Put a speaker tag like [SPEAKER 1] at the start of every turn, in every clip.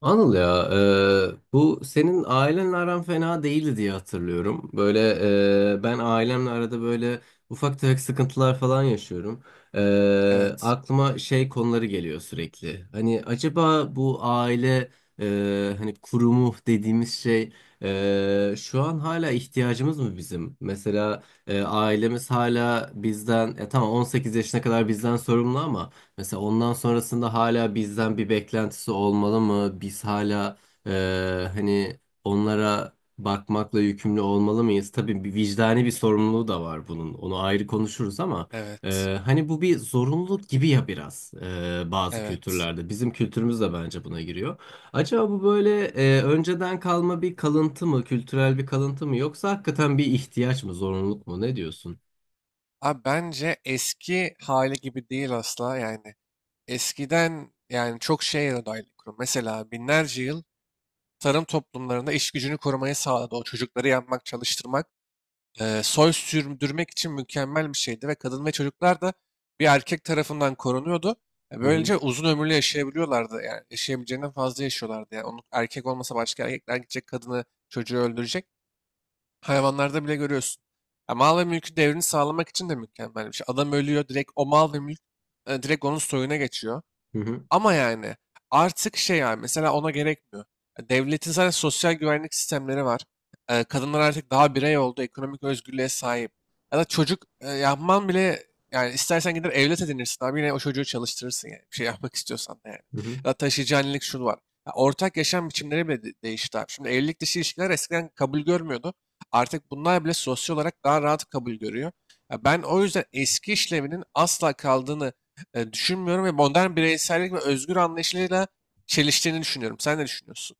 [SPEAKER 1] Anıl ya, bu senin ailenle aran fena değildi diye hatırlıyorum. Böyle ben ailemle arada böyle ufak tefek sıkıntılar falan yaşıyorum. E,
[SPEAKER 2] Evet,
[SPEAKER 1] Aklıma şey konuları geliyor sürekli. Hani acaba bu aile hani kurumu dediğimiz şey şu an hala ihtiyacımız mı bizim? Mesela ailemiz hala bizden, tamam 18 yaşına kadar bizden sorumlu ama. Mesela ondan sonrasında hala bizden bir beklentisi olmalı mı? Biz hala e, hani onlara bakmakla yükümlü olmalı mıyız? Tabii bir vicdani bir sorumluluğu da var bunun. Onu ayrı konuşuruz ama
[SPEAKER 2] evet,
[SPEAKER 1] hani bu bir zorunluluk gibi ya biraz bazı
[SPEAKER 2] evet.
[SPEAKER 1] kültürlerde. Bizim kültürümüz de bence buna giriyor. Acaba bu böyle önceden kalma bir kalıntı mı, kültürel bir kalıntı mı yoksa hakikaten bir ihtiyaç mı, zorunluluk mu? Ne diyorsun?
[SPEAKER 2] Abi bence eski hali gibi değil asla yani. Eskiden yani çok şeye dair kurum. Mesela binlerce yıl tarım toplumlarında iş gücünü korumayı sağladı. O çocukları yapmak, çalıştırmak, soy sürdürmek için mükemmel bir şeydi ve kadın ve çocuklar da bir erkek tarafından korunuyordu.
[SPEAKER 1] Hı hı,
[SPEAKER 2] Böylece uzun ömürlü yaşayabiliyorlardı. Yani yaşayabileceğinden fazla yaşıyorlardı. Yani onun erkek olmasa başka erkekler gidecek kadını, çocuğu öldürecek. Hayvanlarda bile görüyorsun. Ya mal ve mülkün devrini sağlamak için de mükemmel bir şey. Adam ölüyor direkt o mal ve mülk direkt onun soyuna geçiyor.
[SPEAKER 1] hı hı,
[SPEAKER 2] Ama yani artık şey yani mesela ona gerekmiyor. Ya Devletin zaten sosyal güvenlik sistemleri var. Kadınlar artık daha birey oldu, ekonomik özgürlüğe sahip. Ya da çocuk yapman bile yani istersen gider evlat edinirsin abi yine o çocuğu çalıştırırsın yani. Bir şey yapmak istiyorsan da yani.
[SPEAKER 1] hı hı.
[SPEAKER 2] Ya da taşıyıcı annelik şu var. Ya ortak yaşam biçimleri bile değişti abi. Şimdi evlilik dışı ilişkiler eskiden kabul görmüyordu. Artık bunlar bile sosyal olarak daha rahat kabul görüyor. Ya ben o yüzden eski işlevinin asla kaldığını düşünmüyorum ve modern bireysellik ve özgür anlayışıyla çeliştiğini düşünüyorum. Sen ne düşünüyorsun?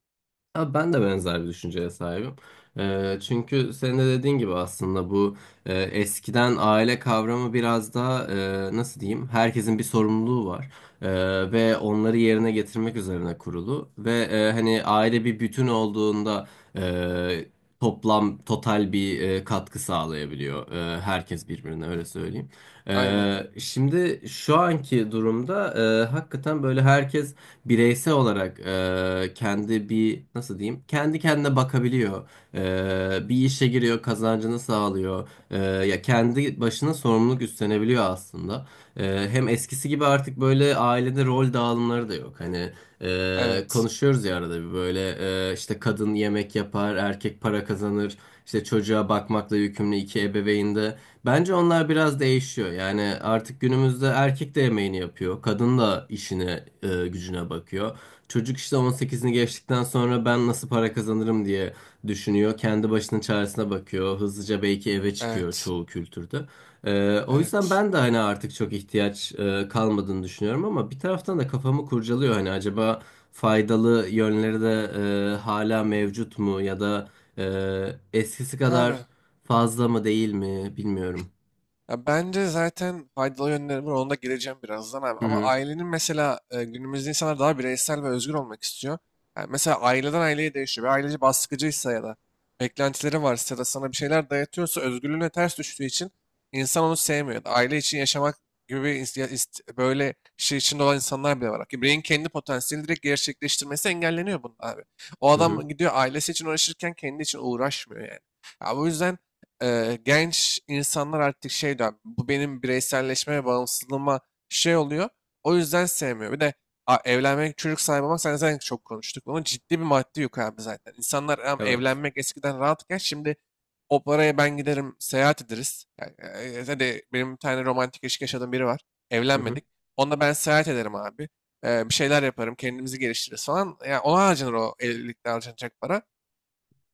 [SPEAKER 1] Abi ben de benzer bir düşünceye sahibim. Çünkü senin de dediğin gibi aslında bu eskiden aile kavramı biraz daha nasıl diyeyim, herkesin bir sorumluluğu var E, ve onları yerine getirmek üzerine kurulu ve hani aile bir bütün olduğunda e, toplam total bir katkı sağlayabiliyor, herkes birbirine, öyle söyleyeyim.
[SPEAKER 2] Aynen.
[SPEAKER 1] Şimdi şu anki durumda hakikaten böyle herkes bireysel olarak kendi bir, nasıl diyeyim, kendi kendine bakabiliyor. Bir işe giriyor, kazancını sağlıyor. Ya kendi başına sorumluluk üstlenebiliyor aslında. Hem eskisi gibi artık böyle ailede rol dağılımları da yok. Hani
[SPEAKER 2] Evet.
[SPEAKER 1] konuşuyoruz ya arada bir böyle işte kadın yemek yapar, erkek para kazanır. İşte çocuğa bakmakla yükümlü iki ebeveyn de. Bence onlar biraz değişiyor. Yani artık günümüzde erkek de yemeğini yapıyor. Kadın da işine, gücüne bakıyor. Çocuk işte 18'ini geçtikten sonra ben nasıl para kazanırım diye düşünüyor. Kendi başının çaresine bakıyor. Hızlıca belki eve çıkıyor
[SPEAKER 2] Evet.
[SPEAKER 1] çoğu kültürde. O yüzden
[SPEAKER 2] Evet.
[SPEAKER 1] ben de hani artık çok ihtiyaç kalmadığını düşünüyorum ama bir taraftan da kafamı kurcalıyor. Hani acaba faydalı yönleri de hala mevcut mu ya da e, eskisi
[SPEAKER 2] Abi.
[SPEAKER 1] kadar fazla mı değil mi bilmiyorum.
[SPEAKER 2] Ya bence zaten faydalı yönleri var. Ona da gireceğim birazdan abi.
[SPEAKER 1] Hı
[SPEAKER 2] Ama
[SPEAKER 1] hı.
[SPEAKER 2] ailenin mesela günümüzde insanlar daha bireysel ve özgür olmak istiyor. Yani mesela aileden aileye değişiyor. Bir aileci baskıcıysa ya da beklentileri varsa ya da sana bir şeyler dayatıyorsa özgürlüğüne ters düştüğü için insan onu sevmiyor. Aile için yaşamak gibi bir böyle şey içinde olan insanlar bile var. Ki bireyin kendi potansiyelini direkt gerçekleştirmesi engelleniyor bunun abi. O
[SPEAKER 1] Hı hı.
[SPEAKER 2] adam gidiyor ailesi için uğraşırken kendi için uğraşmıyor yani. Ya bu yüzden genç insanlar artık şey diyor, bu benim bireyselleşme ve bağımsızlığıma şey oluyor. O yüzden sevmiyor. Bir de evlenmek, çocuk sahibi olmak sen zaten çok konuştuk. Bunun ciddi bir maddi yük abi zaten. İnsanlar
[SPEAKER 1] Evet.
[SPEAKER 2] evlenmek eskiden rahatken şimdi o paraya ben giderim seyahat ederiz. Yani, hadi benim bir tane romantik ilişki yaşadığım biri var.
[SPEAKER 1] Hı hı.
[SPEAKER 2] Evlenmedik. Onunla ben seyahat ederim abi. Bir şeyler yaparım, kendimizi geliştiririz falan. Yani ona harcanır o evlilikte harcanacak para.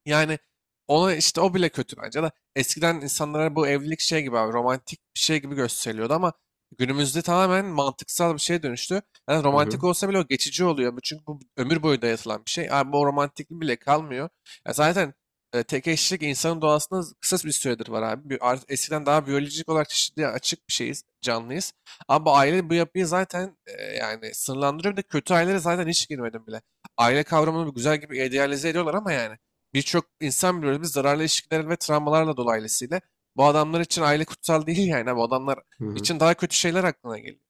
[SPEAKER 2] Yani ona işte o bile kötü bence de. Eskiden insanlara bu evlilik şey gibi abi romantik bir şey gibi gösteriliyordu ama günümüzde tamamen mantıksal bir şeye dönüştü. Yani
[SPEAKER 1] Hı hı.
[SPEAKER 2] romantik olsa bile o geçici oluyor. Bu çünkü bu ömür boyu dayatılan bir şey. Abi bu romantiklik bile kalmıyor. Ya zaten tek eşlik insanın doğasında kısa bir süredir var abi. Eskiden daha biyolojik olarak çeşitliğe açık bir şeyiz, canlıyız. Ama bu aile bu yapıyı zaten yani sınırlandırıyor. Bir de kötü ailelere zaten hiç girmedim bile. Aile kavramını güzel gibi idealize ediyorlar ama yani. Birçok insan biliyoruz biz zararlı ilişkiler ve travmalarla dolayısıyla bu adamlar için aile kutsal değil yani. Bu adamlar
[SPEAKER 1] Hı hı.
[SPEAKER 2] için daha kötü şeyler aklına geliyor.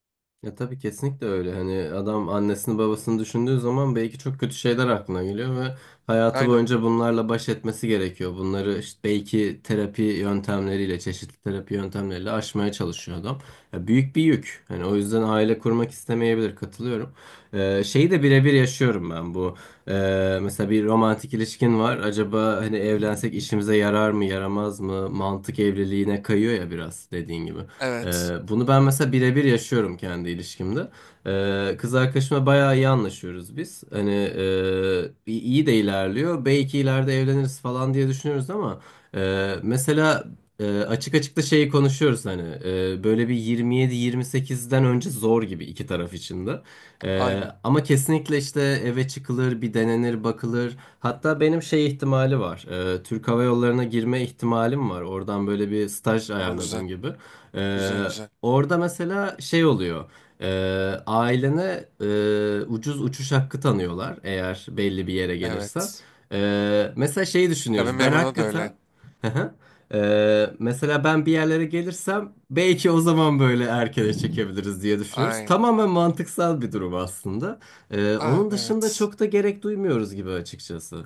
[SPEAKER 1] Ya tabii kesinlikle öyle. Hani adam annesini babasını düşündüğü zaman belki çok kötü şeyler aklına geliyor ve hayatı
[SPEAKER 2] Aynen.
[SPEAKER 1] boyunca bunlarla baş etmesi gerekiyor. Bunları işte belki terapi yöntemleriyle, çeşitli terapi yöntemleriyle aşmaya çalışıyor adam. Ya büyük bir yük. Hani o yüzden aile kurmak istemeyebilir. Katılıyorum. Şeyi de birebir yaşıyorum ben bu. Mesela bir romantik ilişkin var. Acaba hani evlensek işimize yarar mı, yaramaz mı? Mantık evliliğine kayıyor ya biraz dediğin gibi.
[SPEAKER 2] Evet.
[SPEAKER 1] Bunu ben mesela birebir yaşıyorum kendi ilişkimde. Kız arkadaşımla bayağı iyi anlaşıyoruz biz. Hani iyi iyi de ilerliyor. Belki ileride evleniriz falan diye düşünüyoruz ama mesela açık açık da şeyi konuşuyoruz, hani böyle bir 27-28'den önce zor gibi iki taraf için de.
[SPEAKER 2] Aynen.
[SPEAKER 1] Ama kesinlikle işte eve çıkılır, bir denenir, bakılır. Hatta benim şey ihtimali var. Türk Hava Yolları'na girme ihtimalim var. Oradan böyle bir staj
[SPEAKER 2] Aa, güzel.
[SPEAKER 1] ayarladım gibi. Ee,
[SPEAKER 2] Güzel, güzel.
[SPEAKER 1] Orada mesela şey oluyor. Ee, Ailene ucuz uçuş hakkı tanıyorlar, eğer belli bir yere gelirsen.
[SPEAKER 2] Evet.
[SPEAKER 1] Mesela şeyi
[SPEAKER 2] Kabin
[SPEAKER 1] düşünüyoruz. Ben
[SPEAKER 2] memuruna da öyle.
[SPEAKER 1] hakikaten. Mesela ben bir yerlere gelirsem belki o zaman böyle erkene çekebiliriz diye düşünüyoruz.
[SPEAKER 2] Aynen.
[SPEAKER 1] Tamamen mantıksal bir durum aslında. Onun
[SPEAKER 2] Abi,
[SPEAKER 1] dışında
[SPEAKER 2] evet.
[SPEAKER 1] çok da gerek duymuyoruz gibi açıkçası.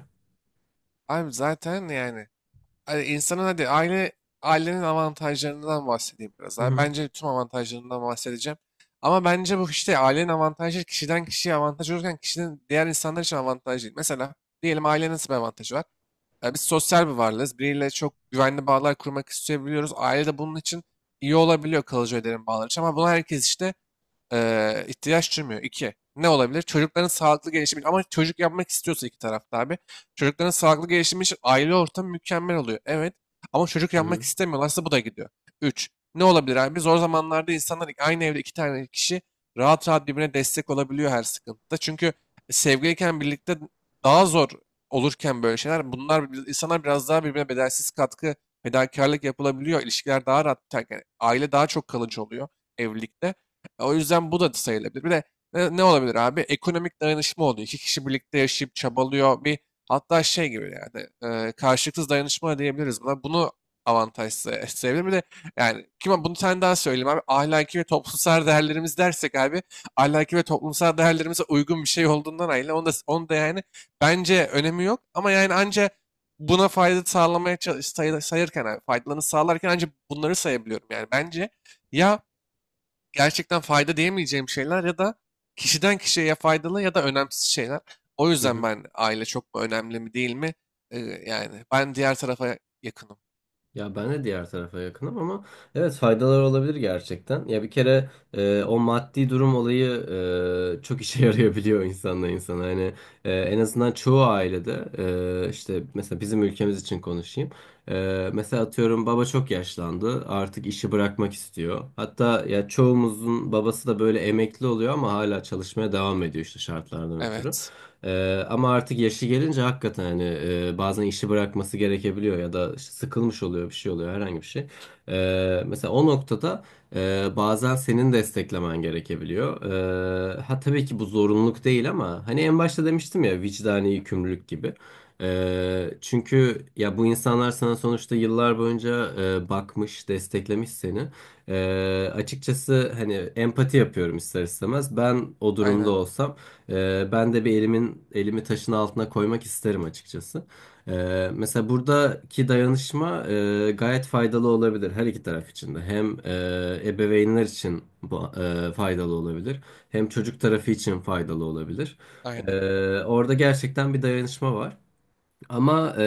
[SPEAKER 2] Abi zaten yani hani insanın hadi ailenin avantajlarından bahsedeyim biraz.
[SPEAKER 1] Hı
[SPEAKER 2] Abi.
[SPEAKER 1] hı.
[SPEAKER 2] Bence tüm avantajlarından bahsedeceğim. Ama bence bu işte ailenin avantajı kişiden kişiye avantaj olurken kişinin diğer insanlar için avantaj değil. Mesela diyelim ailenin nasıl bir avantajı var? Ya biz sosyal bir varlığız. Biriyle çok güvenli bağlar kurmak isteyebiliyoruz. Aile de bunun için iyi olabiliyor kalıcı öderim bağlar için. Ama bunu herkes işte ihtiyaç duymuyor. İki, ne olabilir? Çocukların sağlıklı gelişimi için, ama çocuk yapmak istiyorsa iki tarafta abi. Çocukların sağlıklı gelişimi için aile ortamı mükemmel oluyor. Evet, ama çocuk
[SPEAKER 1] Hı
[SPEAKER 2] yapmak
[SPEAKER 1] hı.
[SPEAKER 2] istemiyorlarsa bu da gidiyor. Üç, ne olabilir abi? Zor zamanlarda insanlar aynı evde iki tane kişi rahat rahat birbirine destek olabiliyor her sıkıntıda. Çünkü sevgiliyken birlikte daha zor olurken böyle şeyler bunlar insanlar biraz daha birbirine bedelsiz katkı, fedakarlık yapılabiliyor. İlişkiler daha rahat biterken aile daha çok kalıcı oluyor evlilikte. O yüzden bu da sayılabilir. Bir de ne olabilir abi? Ekonomik dayanışma oluyor. İki kişi birlikte yaşayıp çabalıyor. Bir hatta şey gibi yani karşılıksız dayanışma diyebiliriz buna. Bunu avantaj sayabilir. Bir de yani kime bunu bir tane daha söyleyeyim abi. Ahlaki ve toplumsal değerlerimiz dersek abi ahlaki ve toplumsal değerlerimize uygun bir şey olduğundan ayrı. Onu da yani bence önemi yok ama yani anca buna fayda sağlamaya sayırken abi, faydalarını sağlarken ancak bunları sayabiliyorum. Yani bence ya gerçekten fayda diyemeyeceğim şeyler ya da kişiden kişiye ya faydalı ya da önemsiz şeyler. O
[SPEAKER 1] Hı
[SPEAKER 2] yüzden
[SPEAKER 1] hı.
[SPEAKER 2] ben aile çok mu önemli mi değil mi? Ee, Yani ben diğer tarafa yakınım.
[SPEAKER 1] Ya ben de diğer tarafa yakınım ama evet, faydalar olabilir gerçekten. Ya bir kere o maddi durum olayı çok işe yarayabiliyor insanla insana. Hani en azından çoğu ailede işte mesela bizim ülkemiz için konuşayım. Mesela atıyorum, baba çok yaşlandı, artık işi bırakmak istiyor. Hatta ya çoğumuzun babası da böyle emekli oluyor ama hala çalışmaya devam ediyor işte, şartlardan ötürü.
[SPEAKER 2] Evet.
[SPEAKER 1] Ama artık yaşı gelince hakikaten hani bazen işi bırakması gerekebiliyor ya da işte sıkılmış oluyor, bir şey oluyor, herhangi bir şey. Mesela o noktada bazen senin desteklemen gerekebiliyor. Ha, tabii ki bu zorunluluk değil ama hani en başta demiştim ya, vicdani yükümlülük gibi. Çünkü ya bu insanlar sana sonuçta yıllar boyunca bakmış, desteklemiş seni. Açıkçası hani empati yapıyorum ister istemez. Ben o durumda
[SPEAKER 2] Aynen.
[SPEAKER 1] olsam. Ben de bir elimi taşın altına koymak isterim açıkçası. Mesela buradaki dayanışma gayet faydalı olabilir her iki taraf için de. Hem ebeveynler için bu faydalı olabilir, hem çocuk tarafı için faydalı olabilir.
[SPEAKER 2] Aynen.
[SPEAKER 1] Orada gerçekten bir dayanışma var. Ama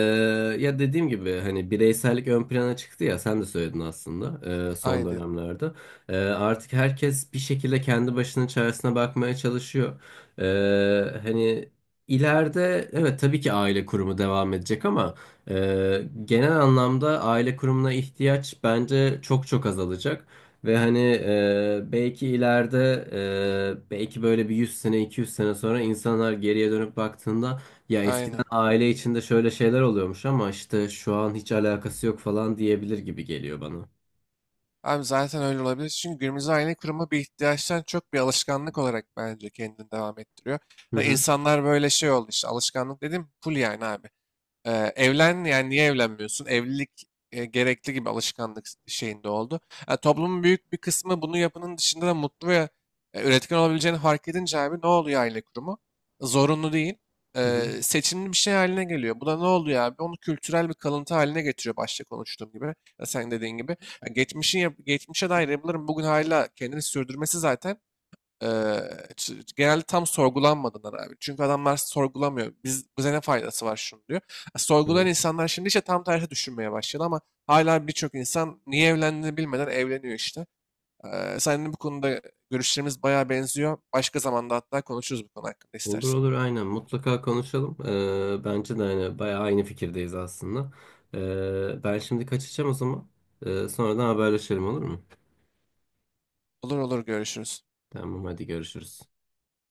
[SPEAKER 1] ya dediğim gibi, hani bireysellik ön plana çıktı ya, sen de söyledin aslında son
[SPEAKER 2] Aynen.
[SPEAKER 1] dönemlerde. Artık herkes bir şekilde kendi başının çaresine bakmaya çalışıyor. E, Hani ileride evet, tabii ki aile kurumu devam edecek ama genel anlamda aile kurumuna ihtiyaç bence çok çok azalacak. Ve hani belki ileride belki böyle bir 100 sene 200 sene sonra insanlar geriye dönüp baktığında, ya
[SPEAKER 2] Aynen.
[SPEAKER 1] eskiden aile içinde şöyle şeyler oluyormuş ama işte şu an hiç alakası yok falan diyebilir gibi geliyor bana.
[SPEAKER 2] Abi zaten öyle olabilir. Çünkü günümüzde aile kurma bir ihtiyaçtan çok bir alışkanlık olarak bence kendini devam ettiriyor.
[SPEAKER 1] Hı
[SPEAKER 2] Ve
[SPEAKER 1] hı.
[SPEAKER 2] insanlar böyle şey oldu işte alışkanlık dedim full yani abi. Evlen yani niye evlenmiyorsun? Evlilik gerekli gibi alışkanlık şeyinde oldu. Yani toplumun büyük bir kısmı bunu yapının dışında da mutlu ve üretken olabileceğini fark edince abi ne oluyor aile kurumu? Zorunlu değil.
[SPEAKER 1] Hı hı.
[SPEAKER 2] Seçimli bir şey haline geliyor. Bu da ne oluyor abi? Onu kültürel bir kalıntı haline getiriyor başta konuştuğum gibi. Ya sen dediğin gibi. Ya geçmişe dair yapıların bugün hala kendini sürdürmesi zaten Eee, genelde tam sorgulanmadığından abi. Çünkü adamlar sorgulamıyor. Biz, bize ne faydası var şunu diyor. Sorgulayan
[SPEAKER 1] Hı.
[SPEAKER 2] insanlar şimdi işte tam tersi düşünmeye başladı ama hala birçok insan niye evlendiğini bilmeden evleniyor işte. Seninle bu konuda görüşlerimiz bayağı benziyor. Başka zamanda hatta konuşuruz bu konu hakkında
[SPEAKER 1] Olur
[SPEAKER 2] istersen.
[SPEAKER 1] olur, aynen, mutlaka konuşalım. Bence de hani bayağı aynı fikirdeyiz aslında. Ben şimdi kaçacağım o zaman. Sonradan haberleşelim, olur mu?
[SPEAKER 2] Olur, olur, görüşürüz.
[SPEAKER 1] Tamam, hadi görüşürüz.